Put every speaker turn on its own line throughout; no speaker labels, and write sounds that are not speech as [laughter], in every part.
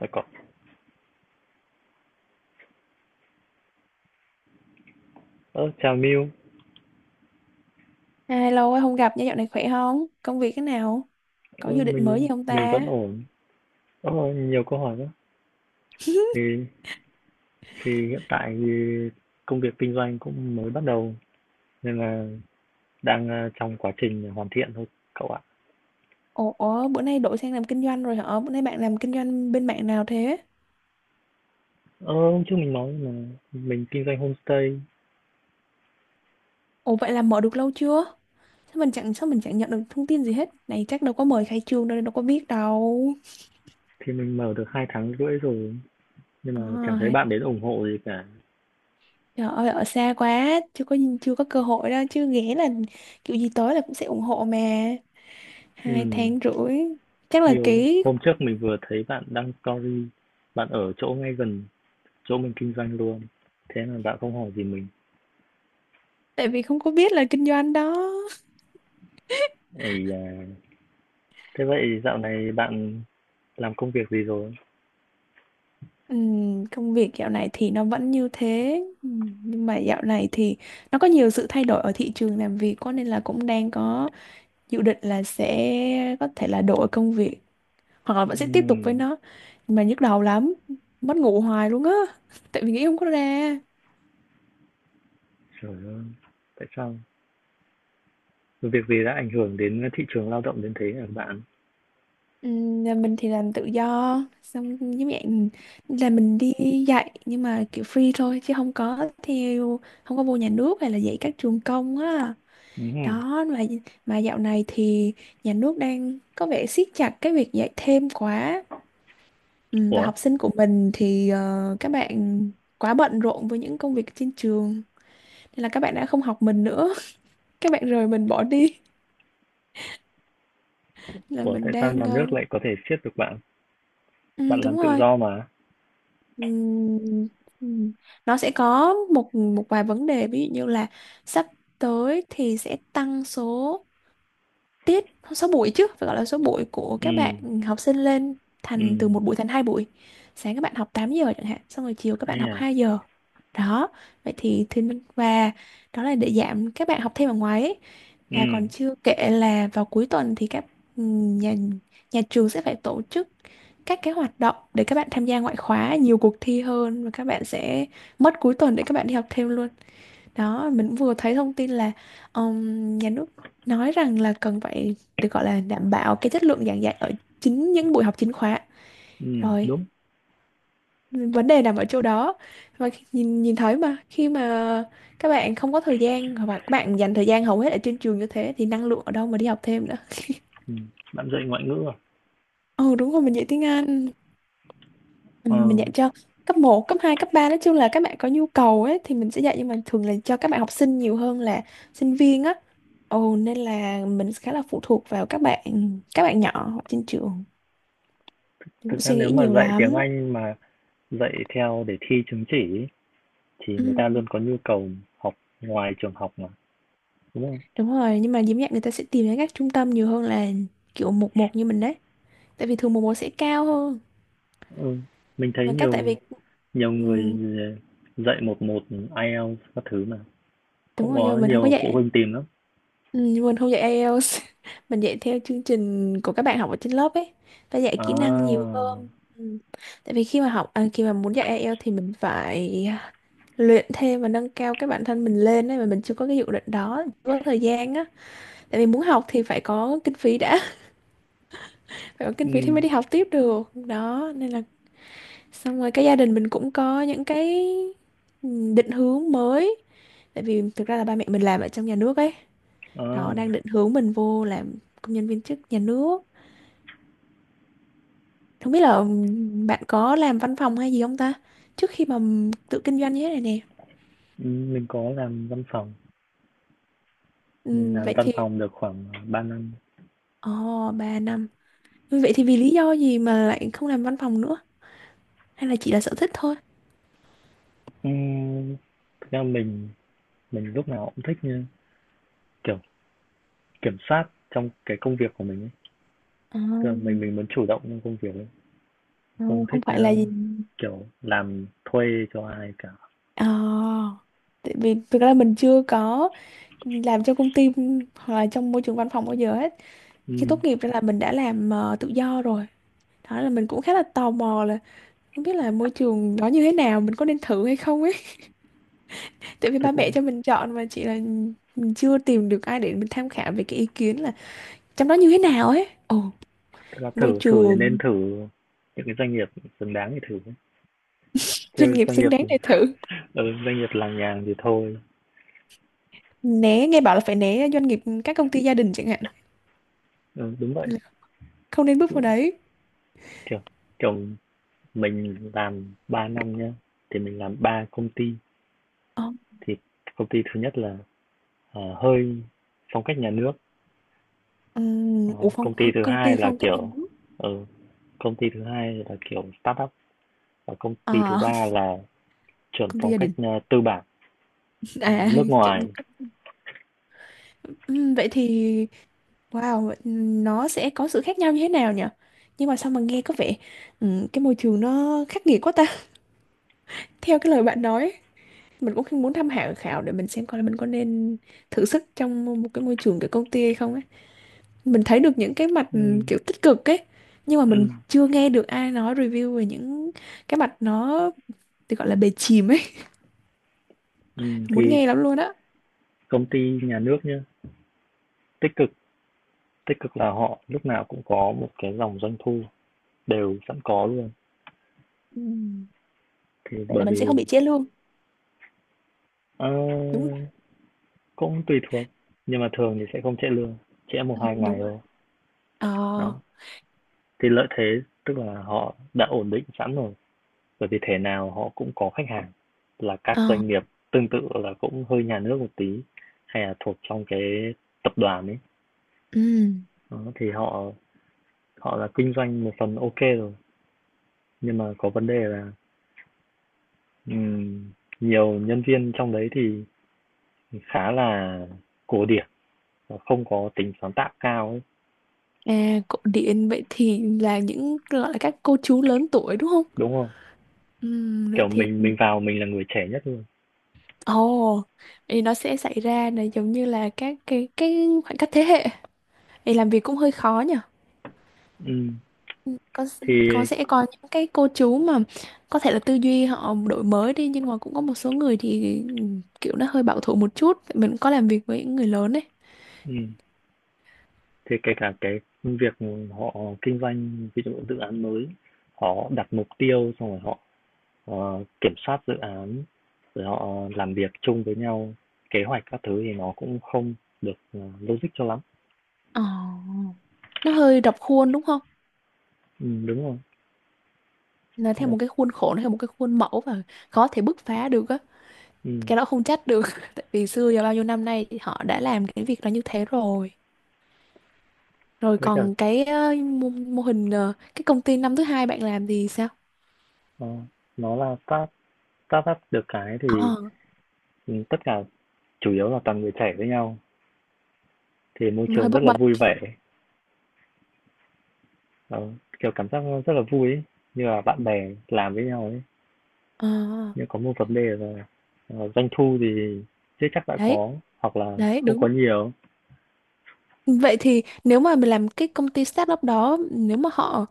Lại có Chào Miu.
À, lâu quá không gặp nha, dạo này khỏe không? Công việc thế nào? Có
ơ
dự định mới
mình
gì không
mình
ta?
vẫn ổn. Nhiều câu hỏi quá.
[laughs]
thì thì hiện tại thì công việc kinh doanh cũng mới bắt đầu, nên là đang trong quá trình hoàn thiện thôi cậu ạ.
Ủa, bữa nay đổi sang làm kinh doanh rồi hả? Bữa nay bạn làm kinh doanh bên mạng nào thế?
Hôm trước mình nói là mình kinh doanh homestay.
Ủa vậy là mở được lâu chưa? Sao mình chẳng nhận được thông tin gì hết? Này chắc đâu có mời khai trương đâu, đâu có biết đâu.
Thì mình mở được hai tháng rưỡi rồi, nhưng mà chẳng
À,
thấy
hay-
bạn đến ủng hộ gì cả.
trời ơi ở xa quá, chưa có cơ hội đâu chứ ghé là kiểu gì tới là cũng sẽ ủng hộ mà. Hai
Ừ,
tháng rưỡi chắc là
nhiều
ký,
hôm trước mình vừa thấy bạn đăng story, bạn ở chỗ ngay gần chỗ mình kinh doanh luôn, thế mà bạn không hỏi gì mình.
tại vì không có biết là kinh doanh đó.
Ấy à, thế vậy dạo này bạn làm công việc gì rồi?
Công việc dạo này thì nó vẫn như thế. Nhưng mà dạo này thì nó có nhiều sự thay đổi ở thị trường làm việc quá nên là cũng đang có dự định là sẽ có thể là đổi công việc hoặc là vẫn sẽ tiếp tục với
Ừm.
nó, nhưng mà nhức đầu lắm, mất ngủ hoài luôn á. [laughs] Tại vì nghĩ không có ra.
Trời ơi, tại sao? Việc gì đã ảnh hưởng đến thị trường lao động đến thế hả bạn?
Nhà mình thì làm tự do, xong giống dạng là mình đi dạy nhưng mà kiểu free thôi, chứ không có theo không có vô nhà nước hay là dạy các trường công á.
Ừm.
Đó, mà dạo này thì nhà nước đang có vẻ siết chặt cái việc dạy thêm quá. Ừ, và
Ủa,
học sinh của mình thì các bạn quá bận rộn với những công việc trên trường, nên là các bạn đã không học mình nữa. [laughs] Các bạn rời mình bỏ đi. Là
ủa,
mình
tại sao
đang
nhà nước lại có thể siết được bạn?
ừ,
Bạn làm
đúng
tự
rồi.
do mà.
Ừ, ừ. Nó sẽ có một một vài vấn đề, ví dụ như là sắp tới thì sẽ tăng số tiết, số buổi, chứ phải gọi là số buổi của các
Ừm.
bạn học sinh lên, thành từ một
Ừm.
buổi thành hai buổi. Sáng các bạn học 8 giờ chẳng hạn, xong rồi chiều các bạn
Ấy
học
à.
2 giờ. Đó, vậy thì thiên và đó là để giảm các bạn học thêm ở ngoài ấy. Và còn
Ừm.
chưa kể là vào cuối tuần thì các nhà nhà trường sẽ phải tổ chức các cái hoạt động để các bạn tham gia ngoại khóa, nhiều cuộc thi hơn, và các bạn sẽ mất cuối tuần để các bạn đi học thêm luôn. Đó, mình cũng vừa thấy thông tin là nhà nước nói rằng là cần phải được gọi là đảm bảo cái chất lượng giảng dạy ở chính những buổi học chính khóa.
Ừm.
Rồi,
Đúng.
vấn đề nằm ở chỗ đó. Và nhìn nhìn thấy mà khi mà các bạn không có thời gian, hoặc là các bạn dành thời gian hầu hết ở trên trường như thế, thì năng lượng ở đâu mà đi học thêm nữa.
Ừm. Bạn dạy ngoại ngữ à?
[laughs] Ừ đúng rồi, mình dạy tiếng Anh. Ừ,
Ờ,
mình dạy cho cấp một, cấp hai, cấp ba, nói chung là các bạn có nhu cầu ấy thì mình sẽ dạy, nhưng mà thường là cho các bạn học sinh nhiều hơn là sinh viên á. Ồ, nên là mình khá là phụ thuộc vào các bạn, các bạn nhỏ ở trên trường. Mình cũng
thực ra
suy
nếu
nghĩ
mà
nhiều
dạy tiếng
lắm.
Anh mà dạy theo để thi chứng chỉ ý, thì
Ừ,
người ta luôn có nhu cầu học ngoài trường học mà, đúng không?
đúng rồi, nhưng mà diễm nhạc người ta sẽ tìm đến các trung tâm nhiều hơn là kiểu một một như mình đấy. Tại vì thường một một sẽ cao hơn.
Ừ, mình thấy
Và các tại
nhiều
vì,
nhiều
ừ,
người dạy một một IELTS các thứ mà,
đúng
cũng
rồi nhưng
có
mà mình không có
nhiều phụ
dạy.
huynh tìm lắm.
Ừ, nhưng mình không dạy IELTS. [laughs] Mình dạy theo chương trình của các bạn học ở trên lớp ấy. Ta dạy kỹ năng nhiều
À.
hơn. Ừ. Tại vì khi mà muốn dạy IELTS thì mình phải luyện thêm và nâng cao cái bản thân mình lên ấy, mà mình chưa có cái dự định đó, chưa có thời gian á. Tại vì muốn học thì phải có kinh phí đã. Phải có kinh phí thì mới
Ừm.
đi học tiếp được, đó nên là xong rồi cái gia đình mình cũng có những cái định hướng mới. Tại vì thực ra là ba mẹ mình làm ở trong nhà nước ấy,
À.
đó đang định hướng mình vô làm công nhân viên chức nhà nước. Không biết là bạn có làm văn phòng hay gì không ta, trước khi mà tự kinh doanh như thế này nè.
Ừm. Mình có làm văn phòng, mình
Ừ,
làm
vậy
văn
thì
phòng được khoảng 3 năm.
ồ, oh, 3 năm. Ừ, vậy thì vì lý do gì mà lại không làm văn phòng nữa, hay là chỉ là sở thích thôi.
Ừm, thực ra mình lúc nào cũng thích như kiểu kiểm soát trong cái công việc của mình ấy,
À,
tức là mình muốn chủ động trong công việc ấy,
à,
không
không
thích
phải là gì.
kiểu làm thuê cho ai cả.
Ờ, tại vì thực ra mình chưa có làm trong công ty hoặc là trong môi trường văn phòng bao giờ hết. Khi tốt
Ừm.
nghiệp ra là mình đã làm tự do rồi. Đó là mình cũng khá là tò mò là không biết là môi trường đó như thế nào, mình có nên thử hay không ấy. [laughs] Tại vì ba
thực ra
mẹ cho mình chọn, mà chỉ là mình chưa tìm được ai để mình tham khảo về cái ý kiến là trong đó như thế nào ấy. Ồ,
Thật ra
môi
thử thử thì nên
trường
thử những cái doanh nghiệp xứng đáng thì thử,
doanh
chứ
nghiệp
doanh
xứng
nghiệp
đáng để thử.
[laughs] ừ, doanh nghiệp làng nhàng thì thôi.
Né, nghe bảo là phải né doanh nghiệp các công ty gia đình chẳng hạn.
Ừ, đúng vậy.
Là không nên
Ví
bước vào
dụ
đấy.
kiểu kiểu mình làm 3 năm nhá, thì mình làm 3 công ty,
Ờ.
thì công ty thứ nhất là, hơi phong cách nhà nước.
Ừ,
Đó,
ủa,
công ty thứ
công
hai
ty
là,
phong cách nhà
kiểu
nước.
ừ, công ty thứ hai là, kiểu, startup, và công ty thứ
À,
ba là
[laughs]
chuẩn
công ty
phong
gia
cách,
đình,
tư bản,
à
nước
[laughs] kiểu đúng
ngoài.
cách. Ừ, vậy thì, wow, nó sẽ có sự khác nhau như thế nào nhỉ? Nhưng mà sao mà nghe có vẻ, ừ, cái môi trường nó khắc nghiệt quá ta. [laughs] Theo cái lời bạn nói, mình cũng muốn tham khảo khảo để mình xem coi là mình có nên thử sức trong một cái môi trường kiểu công ty hay không ấy. Mình thấy được những cái mặt
Ừm.
kiểu tích cực ấy, nhưng mà mình
Ừm.
chưa nghe được ai nói review về những cái mặt nó thì gọi là bề chìm ấy.
Ừm.
[laughs] Muốn
Thì
nghe lắm luôn á.
công ty nhà nước nhá, tích cực, tích cực là họ lúc nào cũng có một cái dòng doanh thu đều sẵn có luôn.
Ừm,
Thì
Vậy là
bởi
mình sẽ
vì
không bị chia lương
ờ,
đúng không?
Cũng tùy thuộc, nhưng mà thường thì sẽ không trễ lương, trễ một
Ừ,
hai ngày
đúng rồi.
thôi.
Ờ.
Đó, thì lợi thế tức là họ đã ổn định sẵn rồi, bởi vì thế nào họ cũng có khách hàng là
Ờ.
các doanh nghiệp tương tự, là cũng hơi nhà nước một tí hay là thuộc trong cái tập đoàn ấy.
Ừ.
Đó, thì họ họ là kinh doanh một phần ok rồi, nhưng mà có vấn đề là Ừm, nhiều nhân viên trong đấy thì khá là cổ điển và không có tính sáng tạo cao ấy,
À, cổ điển, vậy thì là những gọi là các cô chú lớn tuổi đúng không?
đúng không?
Ừ, vậy
Kiểu
thì
mình vào mình là người trẻ nhất luôn.
ồ, oh, thì nó sẽ xảy ra là giống như là các cái khoảng cách thế hệ, thì làm việc cũng hơi khó nhỉ.
Ừm,
Có có
thì
sẽ có những cái cô chú mà có thể là tư duy họ đổi mới đi, nhưng mà cũng có một số người thì kiểu nó hơi bảo thủ một chút, mình cũng có làm việc với những người lớn đấy.
ừm, thì kể cả cái việc họ kinh doanh ví dụ dự án mới, họ đặt mục tiêu xong rồi họ kiểm soát dự án, rồi họ làm việc chung với nhau, kế hoạch các thứ thì nó cũng không được logic cho lắm.
Ờ, nó hơi rập khuôn đúng không?
Đúng rồi.
Nó theo
Ờ.
một cái khuôn khổ, nó theo một cái khuôn mẫu, và khó thể bứt phá được á.
Ừ,
Cái đó không trách được, [laughs] tại vì xưa và bao nhiêu năm nay thì họ đã làm cái việc đó như thế rồi. Rồi
với cả
còn cái mô, mô hình, cái công ty năm thứ hai bạn làm thì sao?
ờ, nó là start start up, được cái thì
Ờ,
tất cả chủ yếu là toàn người trẻ với nhau, thì môi
hơi
trường rất
bấp
là
bênh.
vui vẻ. Ờ, kiểu cảm giác rất là vui ấy, như là bạn bè làm với nhau ấy.
Ờ,
Nhưng có một vấn đề là doanh thu thì chưa chắc đã
đấy,
có, hoặc là
đấy
không
đúng.
có nhiều.
Vậy thì nếu mà mình làm cái công ty startup đó, nếu mà họ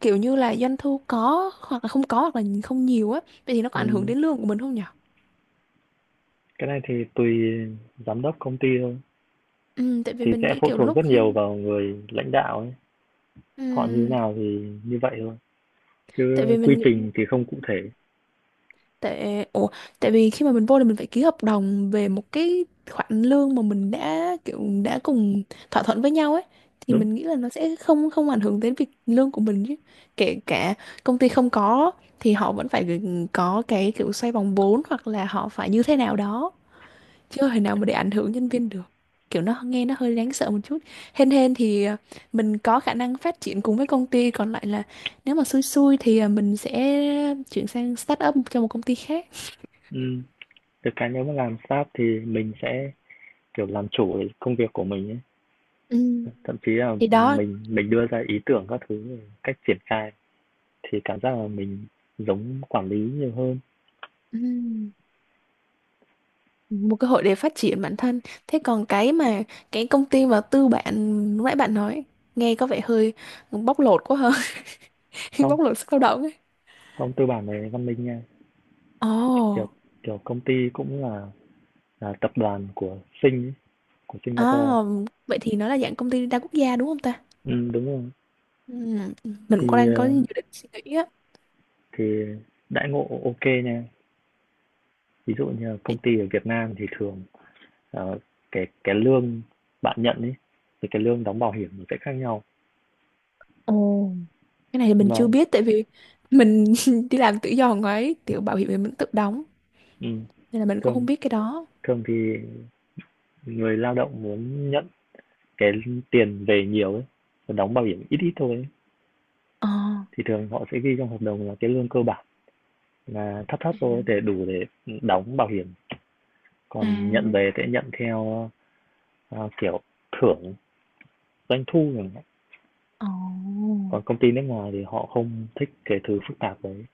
kiểu như là doanh thu có hoặc là không có hoặc là không nhiều á, vậy thì nó có ảnh hưởng
Ừ,
đến lương của mình không nhỉ?
cái này thì tùy giám đốc công ty thôi,
Tại vì
thì
mình
sẽ
nghĩ
phụ
kiểu
thuộc
lúc
rất nhiều
khi,
vào người lãnh đạo ấy, họ như thế
ừm,
nào thì như vậy thôi,
tại
chứ
vì mình
quy
nghĩ,
trình thì không cụ thể.
tại ủa, tại vì khi mà mình vô thì mình phải ký hợp đồng về một cái khoản lương mà mình đã kiểu đã cùng thỏa thuận với nhau ấy, thì
Đúng.
mình nghĩ là nó sẽ không không ảnh hưởng đến việc lương của mình chứ. Kể cả công ty không có thì họ vẫn phải có cái kiểu xoay vòng vốn hoặc là họ phải như thế nào đó, chưa thể nào mà để ảnh hưởng nhân viên được. Kiểu nó nghe nó hơi đáng sợ một chút. Hên hên thì, à, mình có khả năng phát triển cùng với công ty. Còn lại là nếu mà xui xui thì, à, mình sẽ chuyển sang start up cho một công ty khác.
Ừ, được cái nếu mà làm staff thì mình sẽ kiểu làm chủ cái công việc của mình ấy.
Ừ.
Thậm chí là
Thì đó.
mình đưa ra ý tưởng các thứ, cách triển khai, thì cảm giác là mình giống quản lý nhiều hơn.
Ừ. Một cơ hội để phát triển bản thân. Thế còn cái mà cái công ty mà tư bản lúc nãy bạn nói, nghe có vẻ hơi bóc lột quá hơn. [laughs]
Không,
Bóc lột sức lao động ấy.
không, tư bản này văn minh nha. Kiểu
Ồ.
Kiểu công ty cũng là tập đoàn của Sing ấy, của Singapore.
À, vậy thì nó là dạng công ty đa quốc gia đúng không ta?
Ừ, đúng rồi.
Ừ, mình cũng
Thì
đang có
ờ,
dự định suy nghĩ á.
thì đãi ngộ ok nha. Ví dụ như là công
Để-.
ty ở Việt Nam thì thường ờ, cái lương bạn nhận ấy, thì cái lương đóng bảo hiểm nó sẽ khác nhau.
Ồ. Cái này thì
Nhưng
mình
Mà
chưa biết, tại vì mình [laughs] đi làm tự do ngoài ấy, kiểu bảo hiểm thì mình tự đóng,
ừ,
nên là mình cũng
thường
không biết cái đó.
thường thì người lao động muốn nhận cái tiền về nhiều ấy, còn đóng bảo hiểm ít ít thôi ấy,
Ờ.
thì thường họ sẽ ghi trong hợp đồng là cái lương cơ bản là thấp thấp
Ừ.
thôi để đủ để đóng bảo hiểm,
À.
còn nhận về sẽ nhận theo à, kiểu thưởng doanh thu chẳng hạn.
Ồ.
Còn công ty nước ngoài thì họ không thích cái thứ phức tạp đấy,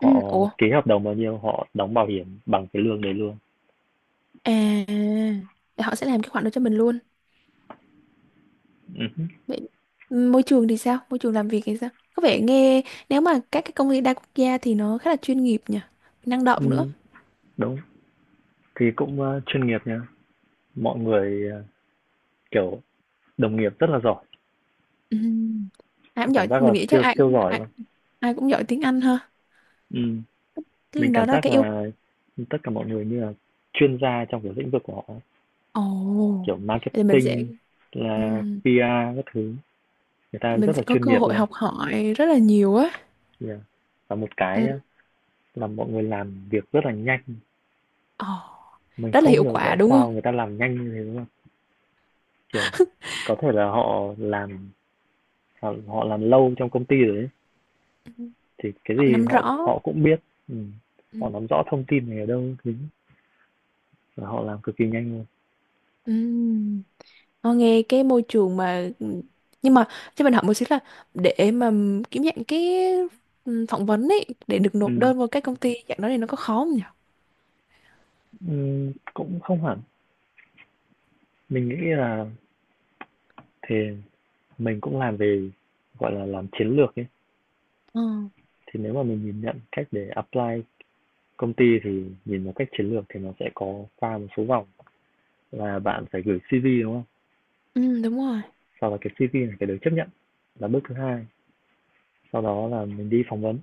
Ừ, ủa,
ký hợp đồng bao nhiêu họ đóng bảo hiểm bằng cái lương đấy luôn.
à, để họ sẽ làm cái khoản đó cho mình luôn.
Ừ.
Vậy môi trường thì sao, môi trường làm việc thì sao, có vẻ nghe nếu mà các cái công ty đa quốc gia thì nó khá là chuyên nghiệp nhỉ, năng động nữa.
Ừ, đúng, thì cũng chuyên nghiệp nha, mọi người kiểu đồng nghiệp rất là giỏi,
Ừ. Ai
tôi
cũng
cảm
giỏi,
giác là
mình nghĩ chắc
siêu
ai
siêu
cũng
giỏi
ai,
luôn.
ai cũng giỏi tiếng Anh ha.
Ừ,
Thế
mình
đó
cảm
là
giác
cái yêu.
là tất cả mọi người như là chuyên gia trong cái lĩnh vực của họ ấy.
Ồ,
Kiểu
thì mình sẽ,
marketing là
ừm,
PR các thứ, người ta
mình
rất
sẽ
là
có
chuyên
cơ
nghiệp
hội
luôn.
học hỏi rất là nhiều á.
Yeah. Và một cái
Ừ.
á, là mọi người làm việc rất là nhanh,
Ồ,
mình
rất là
không
hiệu
hiểu
quả
tại
đúng không?
sao người ta làm nhanh như thế, đúng không? Kiểu có thể là họ làm lâu trong công ty rồi ấy,
Ừ.
thì cái
Họ
gì
nắm
họ
rõ.
họ cũng biết. Ừ, họ
Ừ.
nắm rõ thông tin này ở đâu thứ và họ làm cực kỳ nhanh luôn.
Ừm. Ờ, nghe cái môi trường mà, nhưng mà cho mình hỏi một xíu là để mà, kiếm dạng cái, phỏng vấn ấy để được
Ừ.
nộp đơn vào các công ty dạng đó thì nó có khó không nhỉ?
Cũng không hẳn. Mình nghĩ là thì mình cũng làm về, gọi là, làm chiến lược ấy,
Ờ.
thì nếu mà mình nhìn nhận cách để apply công ty thì nhìn vào cách chiến lược thì nó sẽ có qua một số vòng, là bạn phải gửi CV, đúng không?
Ừ, đúng rồi.
Sau đó cái CV này phải được chấp nhận là bước thứ hai, sau đó là mình đi phỏng vấn.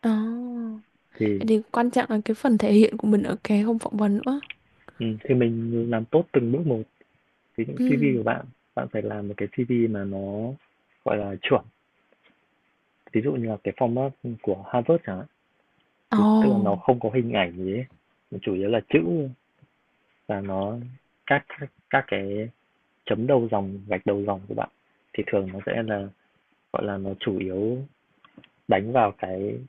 Ờ.
Thì,
Vậy thì quan trọng là cái phần thể hiện của mình ở cái hôm phỏng vấn nữa.
thì mình làm tốt từng bước một. Ví dụ CV
Ừ.
của bạn, bạn phải làm một cái CV mà nó, gọi là, chuẩn, ví dụ như là cái format, của Harvard chẳng hạn.
Ồ.
Thì tức là nó không có hình ảnh gì ấy, nó chủ yếu là chữ, và nó các cái chấm đầu dòng gạch đầu dòng của bạn thì thường nó sẽ là gọi là nó chủ yếu đánh vào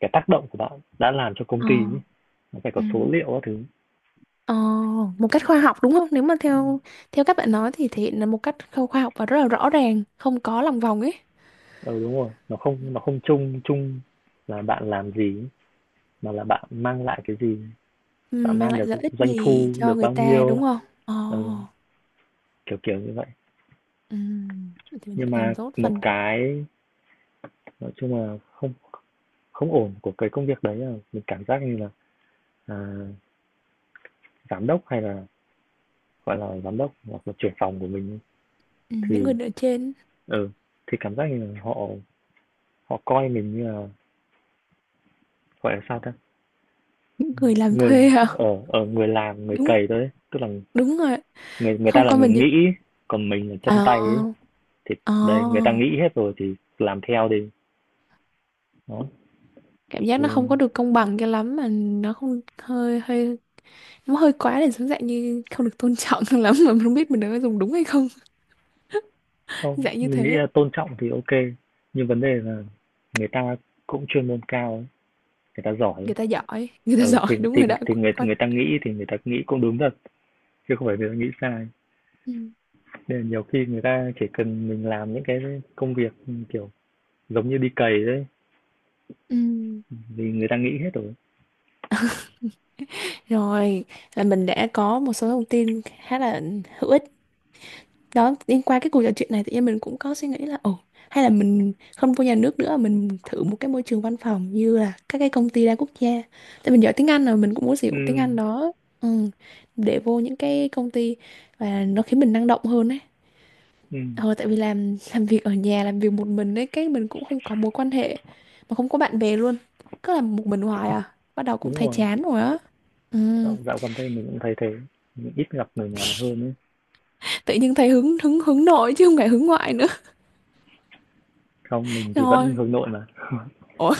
cái tác động của bạn đã làm cho công
Ờ.
ty ấy. Nó phải có
Ừ.
số liệu các thứ.
Ờ, một cách khoa học đúng không? Nếu mà theo, theo các bạn nói thì thể hiện là một cách khoa học và rất là rõ ràng, không có lòng vòng ấy.
Ừ đúng rồi, nó không chung chung là bạn làm gì, mà là bạn mang lại cái gì,
Ừ,
bạn
mang
mang
lại
được
lợi ích
doanh
gì
thu
cho
được
người
bao
ta
nhiêu.
đúng không? Ồ,
Ừ, kiểu kiểu như vậy.
ừ. Vậy thì mình
Nhưng
phải
mà
làm tốt
một
phần đó.
cái nói chung là không không ổn của cái công việc đấy là mình cảm giác như là à, giám đốc hay là gọi là giám đốc hoặc là trưởng phòng của mình,
Ừ, những
thì
người ở trên,
ừ thì cảm giác như là họ họ coi mình như là, gọi là sao ta,
những người làm
người
thuê hả?
ở ở người làm người
Đúng,
cày thôi ấy, tức là
đúng rồi.
người người ta
Không
là
có
người
mình gì.
nghĩ, còn mình là chân
Ờ,
tay ấy, thì
ờ.
đây người ta nghĩ hết rồi thì làm theo đi. Đó,
Cảm giác nó không
thì
có được công bằng cho lắm, mà nó không, hơi hơi, nó hơi quá, để giống dạng như không được tôn trọng [laughs] lắm, mà mình không biết mình đã dùng đúng hay không. [laughs]
không
Dạng như
mình nghĩ
thế.
là tôn trọng thì ok, nhưng vấn đề là người ta cũng chuyên môn cao ấy, người ta giỏi ấy.
Người ta giỏi, người ta [laughs]
Ừ,
giỏi
thì
đúng
thì
rồi đó.
thì người
Quá-.
người ta nghĩ cũng đúng thật, chứ không phải người ta nghĩ sai.
Ừ.
Nên là nhiều khi người ta chỉ cần mình làm những cái công việc kiểu giống như đi cày đấy,
Ừ.
thì người ta nghĩ hết rồi.
Rồi, là mình đã có một số thông tin khá là hữu ích. Đó, liên qua cái cuộc trò chuyện này tự nhiên mình cũng có suy nghĩ là, ồ, hay là mình không vô nhà nước nữa, mình thử một cái môi trường văn phòng như là các cái công ty đa quốc gia. Tại mình giỏi tiếng Anh rồi, mình cũng muốn sử
Ừ.
dụng tiếng Anh đó. Ừ, để vô những cái công ty và nó khiến mình năng động hơn ấy.
Ừ,
Ờ, tại vì làm việc ở nhà, làm việc một mình ấy cái mình cũng không có mối quan hệ, mà không có bạn bè luôn, cứ làm một mình hoài à, bắt đầu cũng
đúng
thấy
rồi,
chán rồi á. Ừ.
dạo gần đây mình cũng thấy thế, mình ít gặp người ngoài hơn ấy.
Tự nhiên thấy hứng hứng hứng nội chứ không phải hứng ngoại nữa.
Không mình
[laughs]
thì vẫn
Rồi.
hướng nội mà [laughs]
Ủa,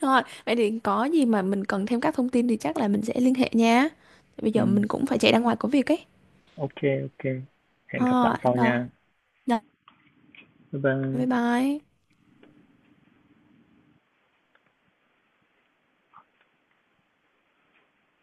rồi vậy thì có gì mà mình cần thêm các thông tin thì chắc là mình sẽ liên hệ nha. Bây
ừ,
giờ mình cũng phải chạy ra ngoài có việc ấy.
ok, ok, hẹn gặp
Ờ,
bạn sau
rồi.
nha.
Rồi.
Bye
Bye
bye.
bye.